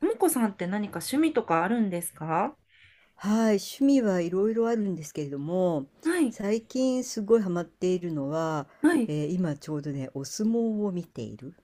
ともこさんって何か趣味とかあるんですか？はい、趣味はいろいろあるんですけれども、はい、最近すごいハマっているのは、はい。今ちょうどね、お相撲を見ている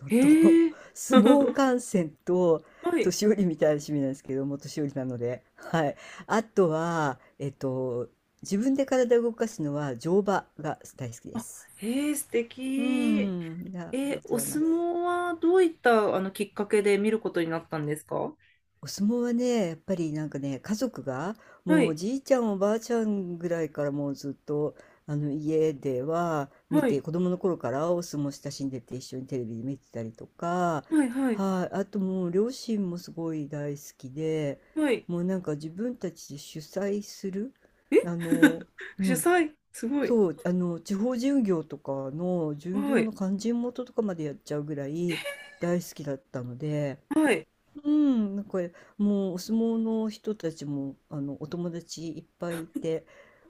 のえ、と、へえ。相撲観戦と、はい。年寄りみたいな趣味なんですけども、年寄りなので。はい。あとは、自分で体を動かすのは乗馬が大好きであ、す。へえ、素う敵。ん、いやありがえ、とおうございま相す。撲はどういったあのきっかけで見ることになったんですか？お相撲はね、やっぱりなんかね、家族が、はもうおい、じいちゃんおばあちゃんぐらいからもうずっと、あの家では見はて、い、子供の頃からお相撲親しんでて一緒にテレビで見てたりとか、はい、はい、はい、あともう両親もすごい大好きで、はい。もうなんか自分たちで主催する、え、 あの、う主ん、催、すごい。そう、地方巡業とかの巡は業い、の勧進元とかまでやっちゃうぐらい大好きだったので、はい。うん、なんかもうお相撲の人たちもお友達いっぱいいて、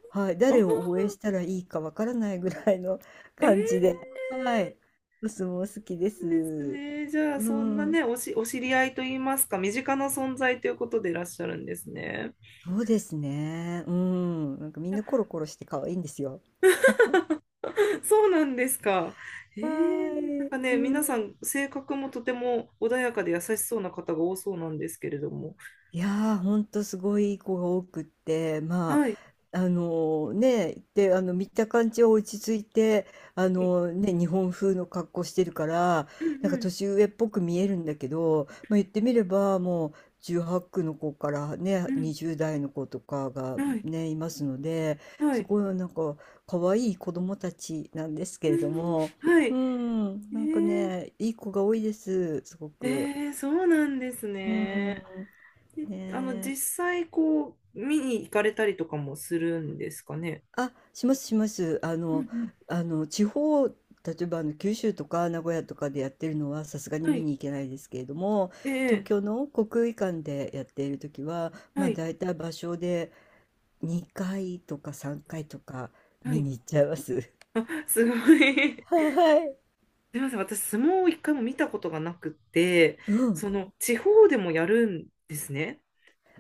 はい、あー、誰を応援したらいいかわからないぐらいの えー、感じで、はい、お相撲好きでなんですす。ね。じゃあ、うそんなん、ね、お知り合いといいますか、身近な存在ということでいらっしゃるんですね。そうですね。うん、なんかみんなコロコロして可愛いんですよ。そうなんですか。えはえ、なんい、かうね、皆さん。ん性格もとても穏やかで優しそうな方が多そうなんですけれども。いやー、ほんとすごいいい子が多くって、まはい。あ、ね、で、見た感じは落ち着いて、うんね、日本風の格好してるから、うなんかん年上っぽく見えるんだけど、まあ、言ってみればもう18区の子からね、うん。20代の子とかがはい。ね、いますので、はすい。ごいなんか可愛い子供たちなんですけうれどん。も、はうい。ん、なんかえね、いい子が多いです、すごえく。ええ、そうなんですうね。ん、で、ね実際こう、見に行かれたりとかもするんですかね。あ、しますします。うんうん。あの地方、例えばあの九州とか名古屋とかでやってるのはさすがには見い。に行けないですけれども、え東え、京の国技館でやっている時は、まはあい。大体場所で2回とか3回とかは見い。に行っちゃいます。あ、すごい。はい。すみません、私、相撲を一回も見たことがなくて、うん。地方でもやるんですね。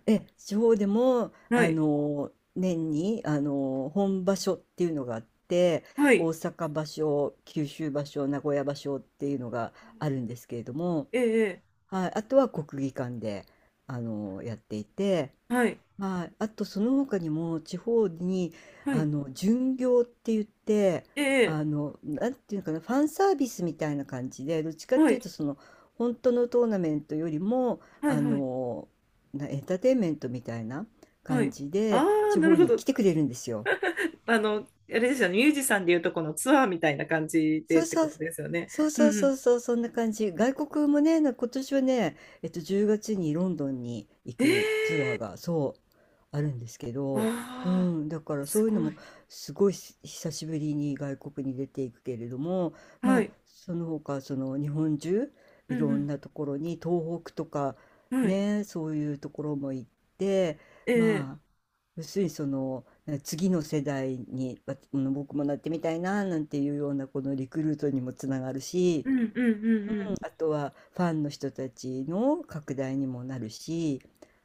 え、地方でも、はい、年に、本場所っていうのがあって、はい、大阪場所、九州場所、名古屋場所っていうのがあるんですけれども、ええ、えはい、あとは国技館で、やっていて、え、はい、はい、あとその他にも地方に、はい、巡業って言って、ええ、なんていうのかな、ファンサービスみたいな感じで、どっちかっはていうい、と、その、本当のトーナメントよりも、はい、あはい、の、なエンターテインメントみたいなは感い。じあで、あ、地なる方ほにど。来てくれるんですよ。あれですよね、ミュージシャンでいうとこのツアーみたいな感じそでうってそこうとそう。ですよね。そううんそううそん。うそう、そんな感じ。外国もね、今年はね、10月にロンドンに行えくツアえ、ーが、そう、あるんですけわど、うあ、ん、だからそすういうのごい。も、すごいし久しぶりに外国に出ていくけれども、まはあ、い、その他、その日本中、ういろんんなところに、東北とか、うん、はい、ね、そういうところも行って、ええ、まあ、要するにその次の世代にわ僕もなってみたいななんていうようなこのリクルートにもつながるし、うんうんううんんうん。あとはファンの人たちの拡大にもなるし、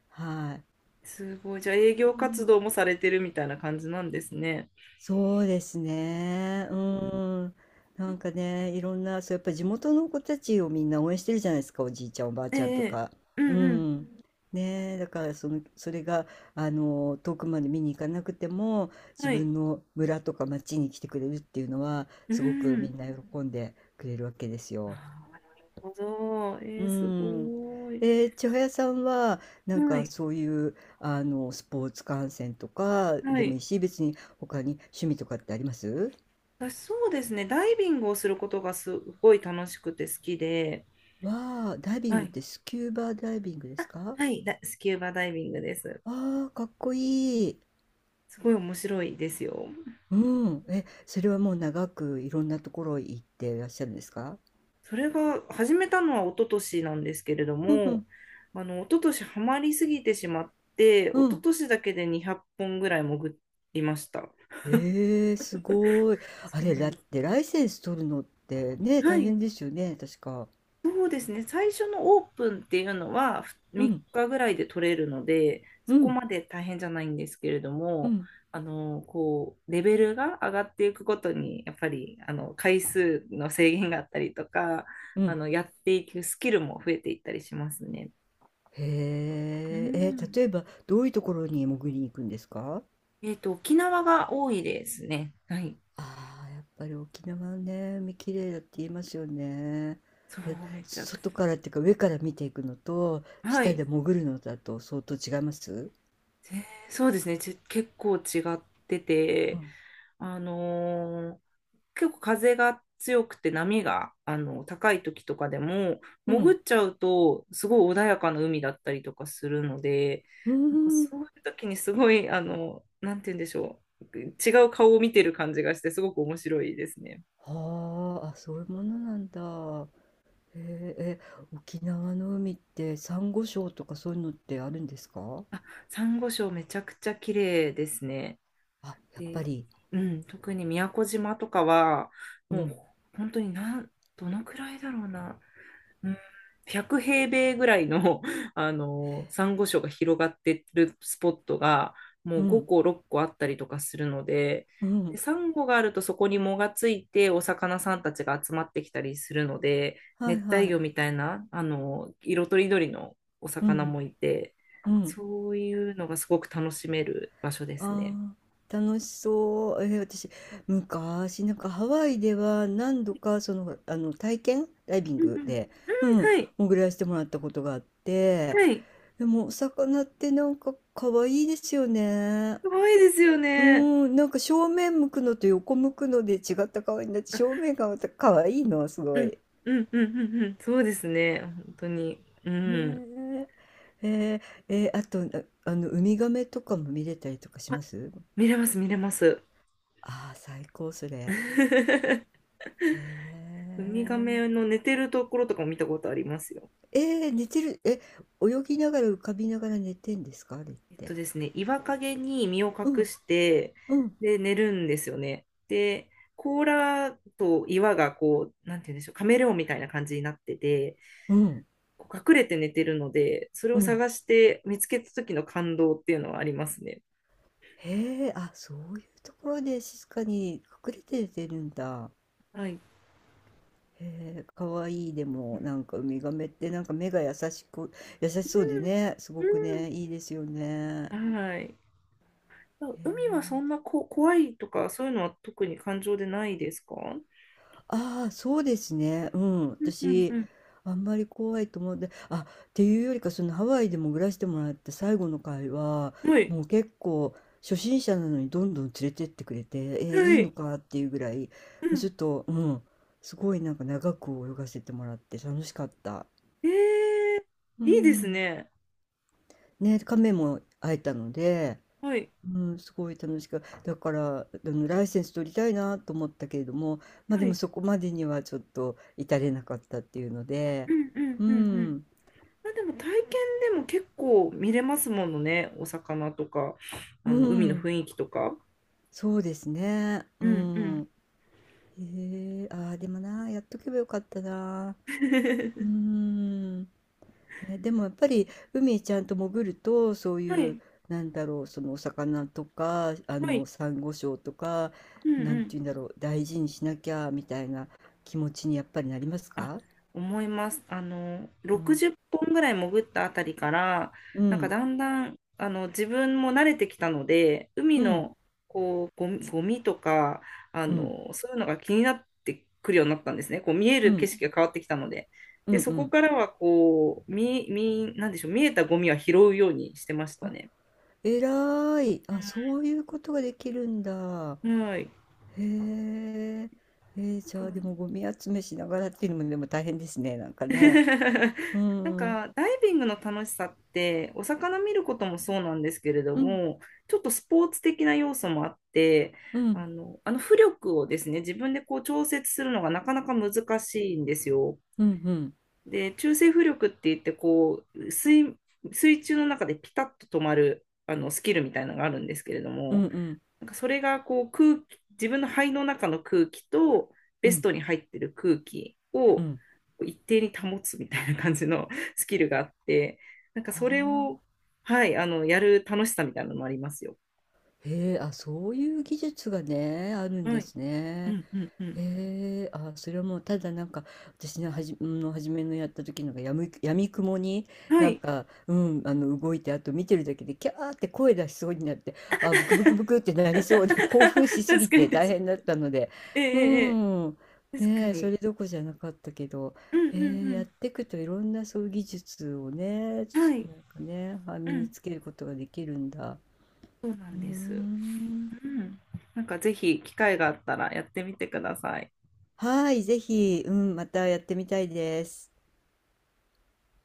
はい、すごい。じゃあ、営業活動もされてるみたいな感じなんですね。そうですね。ううん。ん。なんかね、いろんな、そう、やっぱ地元の子たちをみんな応援してるじゃないですか、おじいちゃん、おばあえちゃんとえ、か。ううんうん、ん。ねえ、だからその、それが、遠くまで見に行かなくても、自はい、分の村とか町に来てくれるっていうのは、うすごくみん。んな喜んでくれるわけですよ。ああ、なるほど。えうえ、すん。ごい。千早さんは、なんはかい、そういう、スポーツ観戦とかはでもいい。いし、別に他に趣味とかってあります？私、そうですね、ダイビングをすることがすごい楽しくて好きで、わあ、ダイビンはグっい、てスキューバダイビングですか？はい、スキューバダイビングです。ああ、かっこいい。すごい面白いですよ。うん。え、それはもう長くいろんなところ行っていらっしゃるんですか？それが始めたのは一昨年なんですけれどうんうも、ん、一昨年ハマりすぎてしまって、一う昨ん。年だけで200本ぐらい潜りました。ええ、すごい。あそうれ、なんだっです。てライセンス取るのってね、は大い。変ですよね、確か。そうですね、最初のオープンっていうのはうん、3日ぐらいで取れるので、うそこん、まで大変じゃないんですけれどうも、ん、レベルが上がっていくごとに、やっぱり回数の制限があったりとか、うん。やっていくスキルも増えていったりしますね。へうえ、え、ん。例えばどういうところに潜りに行くんですか？沖縄が多いですね。はい。ああ、やっぱり沖縄はね、海綺麗だって言いますよね。そう、やっぱめちゃく外ちからっていうか上から見ていくのと、ゃ。は下い。で潜るのだと相当違います？そうですね、結構違ってうて、ん。あのー結構風が強くて波が高い時とかでもう潜ん。っちゃうとすごい穏やかな海だったりとかするので、うなんかーん。そういう時にすごいなんて言うんでしょう、違う顔を見てる感じがしてすごく面白いですね。はあ、あ、そういうものなんだ。へえ、え、沖縄の海ってサンゴ礁とかそういうのってあるんですか？あ、サンゴ礁めちゃくちゃ綺麗ですね。あ、やっで、ぱり。うん、特に宮古島とかはうもうん。本当にどのくらいだろうな、うん、100平米ぐらいの、珊瑚礁が広がってるスポットが、もうう5ん。個、6個あったりとかするので、うで、ん。サンゴがあるとそこに藻がついて、お魚さんたちが集まってきたりするので、はい熱帯は魚い。みたいな、色とりどりのおう魚ん。もいて、うん。そういうのがすごく楽しめる場所ですね。ああ、楽しそう。私、昔、なんかハワイでは何度か、その、体験ダイビンうんグうんうん、で、うん、はい、潜らせてもらったことがあって、はい、でも、お魚ってなんか可愛いですよね。すごいですようね。ん、なんか正面向くのと横向くので違った顔になって、正面がまた可愛いの、すごうん、い。うん、うん、うん、うん、そうですね、本当に。うん。ねえ。あと、ウミガメとかも見れたりとかします？見れます、見れます。ああ最高、それ。へウミガえ。メの寝てるところとかも見たことありますよ。寝てる、え、泳ぎながら浮かびながら寝てんですか？あれって。ですね、岩陰に身をう隠ん、して、うん、で、寝るんですよね。で、甲羅と岩がこう、なんて言うんでしょう、カメレオンみたいな感じになってて、うん、こう隠れて寝てるので、それうをん。探して見つけた時の感動っていうのはありますね。へえ、あ、そういうところで静かに隠れて寝てるんだ。はい。へえ、かわいい。でも、なんかウミガメってなんか目が優しく、優しそうでね、すうごくんね、いいですよね。うん。はい。へ海はそえ。んな怖いとか、そういうのは特に感情でないですか？ああ、そうですね。うん。うんうん私、うん、あんまり怖いと思って、あ、っていうよりか、そのハワイでも暮らしてもらった最後の回は、はい。もう結構、初心者なのにどんどん連れてってくれて、えーいはいのい。かっていうぐらい、うまあちん。ょっと、うん、すごいなんか長く泳がせてもらって楽しかった。えー、ういいですん。ね。ね、亀も会えたので、はい。うん、すごい楽しく、だから、ライセンス取りたいなと思ったけれども、ま、あはでもい。そこまでにはちょっと至れなかったっていうので、うんうんううんうん。ん、まあ、でも体験でも結構見れますものね。お魚とか、う海のん、雰囲気とか。そうですね、ううんうん。ん。へえ、ああ、でもな、やっとけばよかったな。うー ん。え、でもやっぱり海ちゃんと潜ると、そうはいう、い。なんだろう、そのお魚とか、はい。サンゴ礁とか、うんなうんてん、言うんだろう、大事にしなきゃみたいな気持ちにやっぱりなりますあ、か？思います。あの、うん、60本ぐらい潜ったあたりから、うなんかん、だんだん、自分も慣れてきたので、海うん、の、こう、ゴミとか、うん、そういうのが気になってくるようになったんですね。こう、見えうる景ん、色が変わってきたので。うん、で、うそこん。からは、こう、なんでしょう、見えたゴミは拾うようにしてましたあ、ね。えらい。あ、そういうことができるんだ。うん、はい。へえ。じゃあでもゴミ集めしながらっていうのもでも大変ですね、なんかね。うなんん、うん、かダイビングの楽しさってお魚見ることもそうなんですけれどうん、も、ちょっとスポーツ的な要素もあって、うん、浮力をですね、自分でこう調節するのがなかなか難しいんですよ。うん、うん、で、中性浮力って言って、こう、水中の中でピタッと止まるスキルみたいなのがあるんですけれどうん、うも、ん、なんかそれがこう、空気、自分の肺の中の空気とうベスん、トに入ってる空気うをん。一定に保つみたいな感じの スキルがあって、なんかはそれを、あ。はい、やる楽しさみたいなのもありますよ。へえ、あ、そういう技術がね、あるんはでい。すうね。んうんうん。へえ、あ、それはもうただなんか、私のはじ、の初めのやった時のがやみくもにはなんい。か、うん、動いて、あと見てるだけでキャーって声出しそうになって、あ、ブクブクブクってな りそうで、興奮しす確ぎかてに、確大かに。変だったので、えええうええん、え、確かねえ、そに。れどこじゃなかったけど、うんうへえ、やっんていくといろんなそういう技術をね、なんうん。はい。かね、あう身にん。つけることができるんだ。そうなうんーです。ん。うん。なんかぜひ機会があったらやってみてください。はい、ぜひ、うん、またやってみたいです。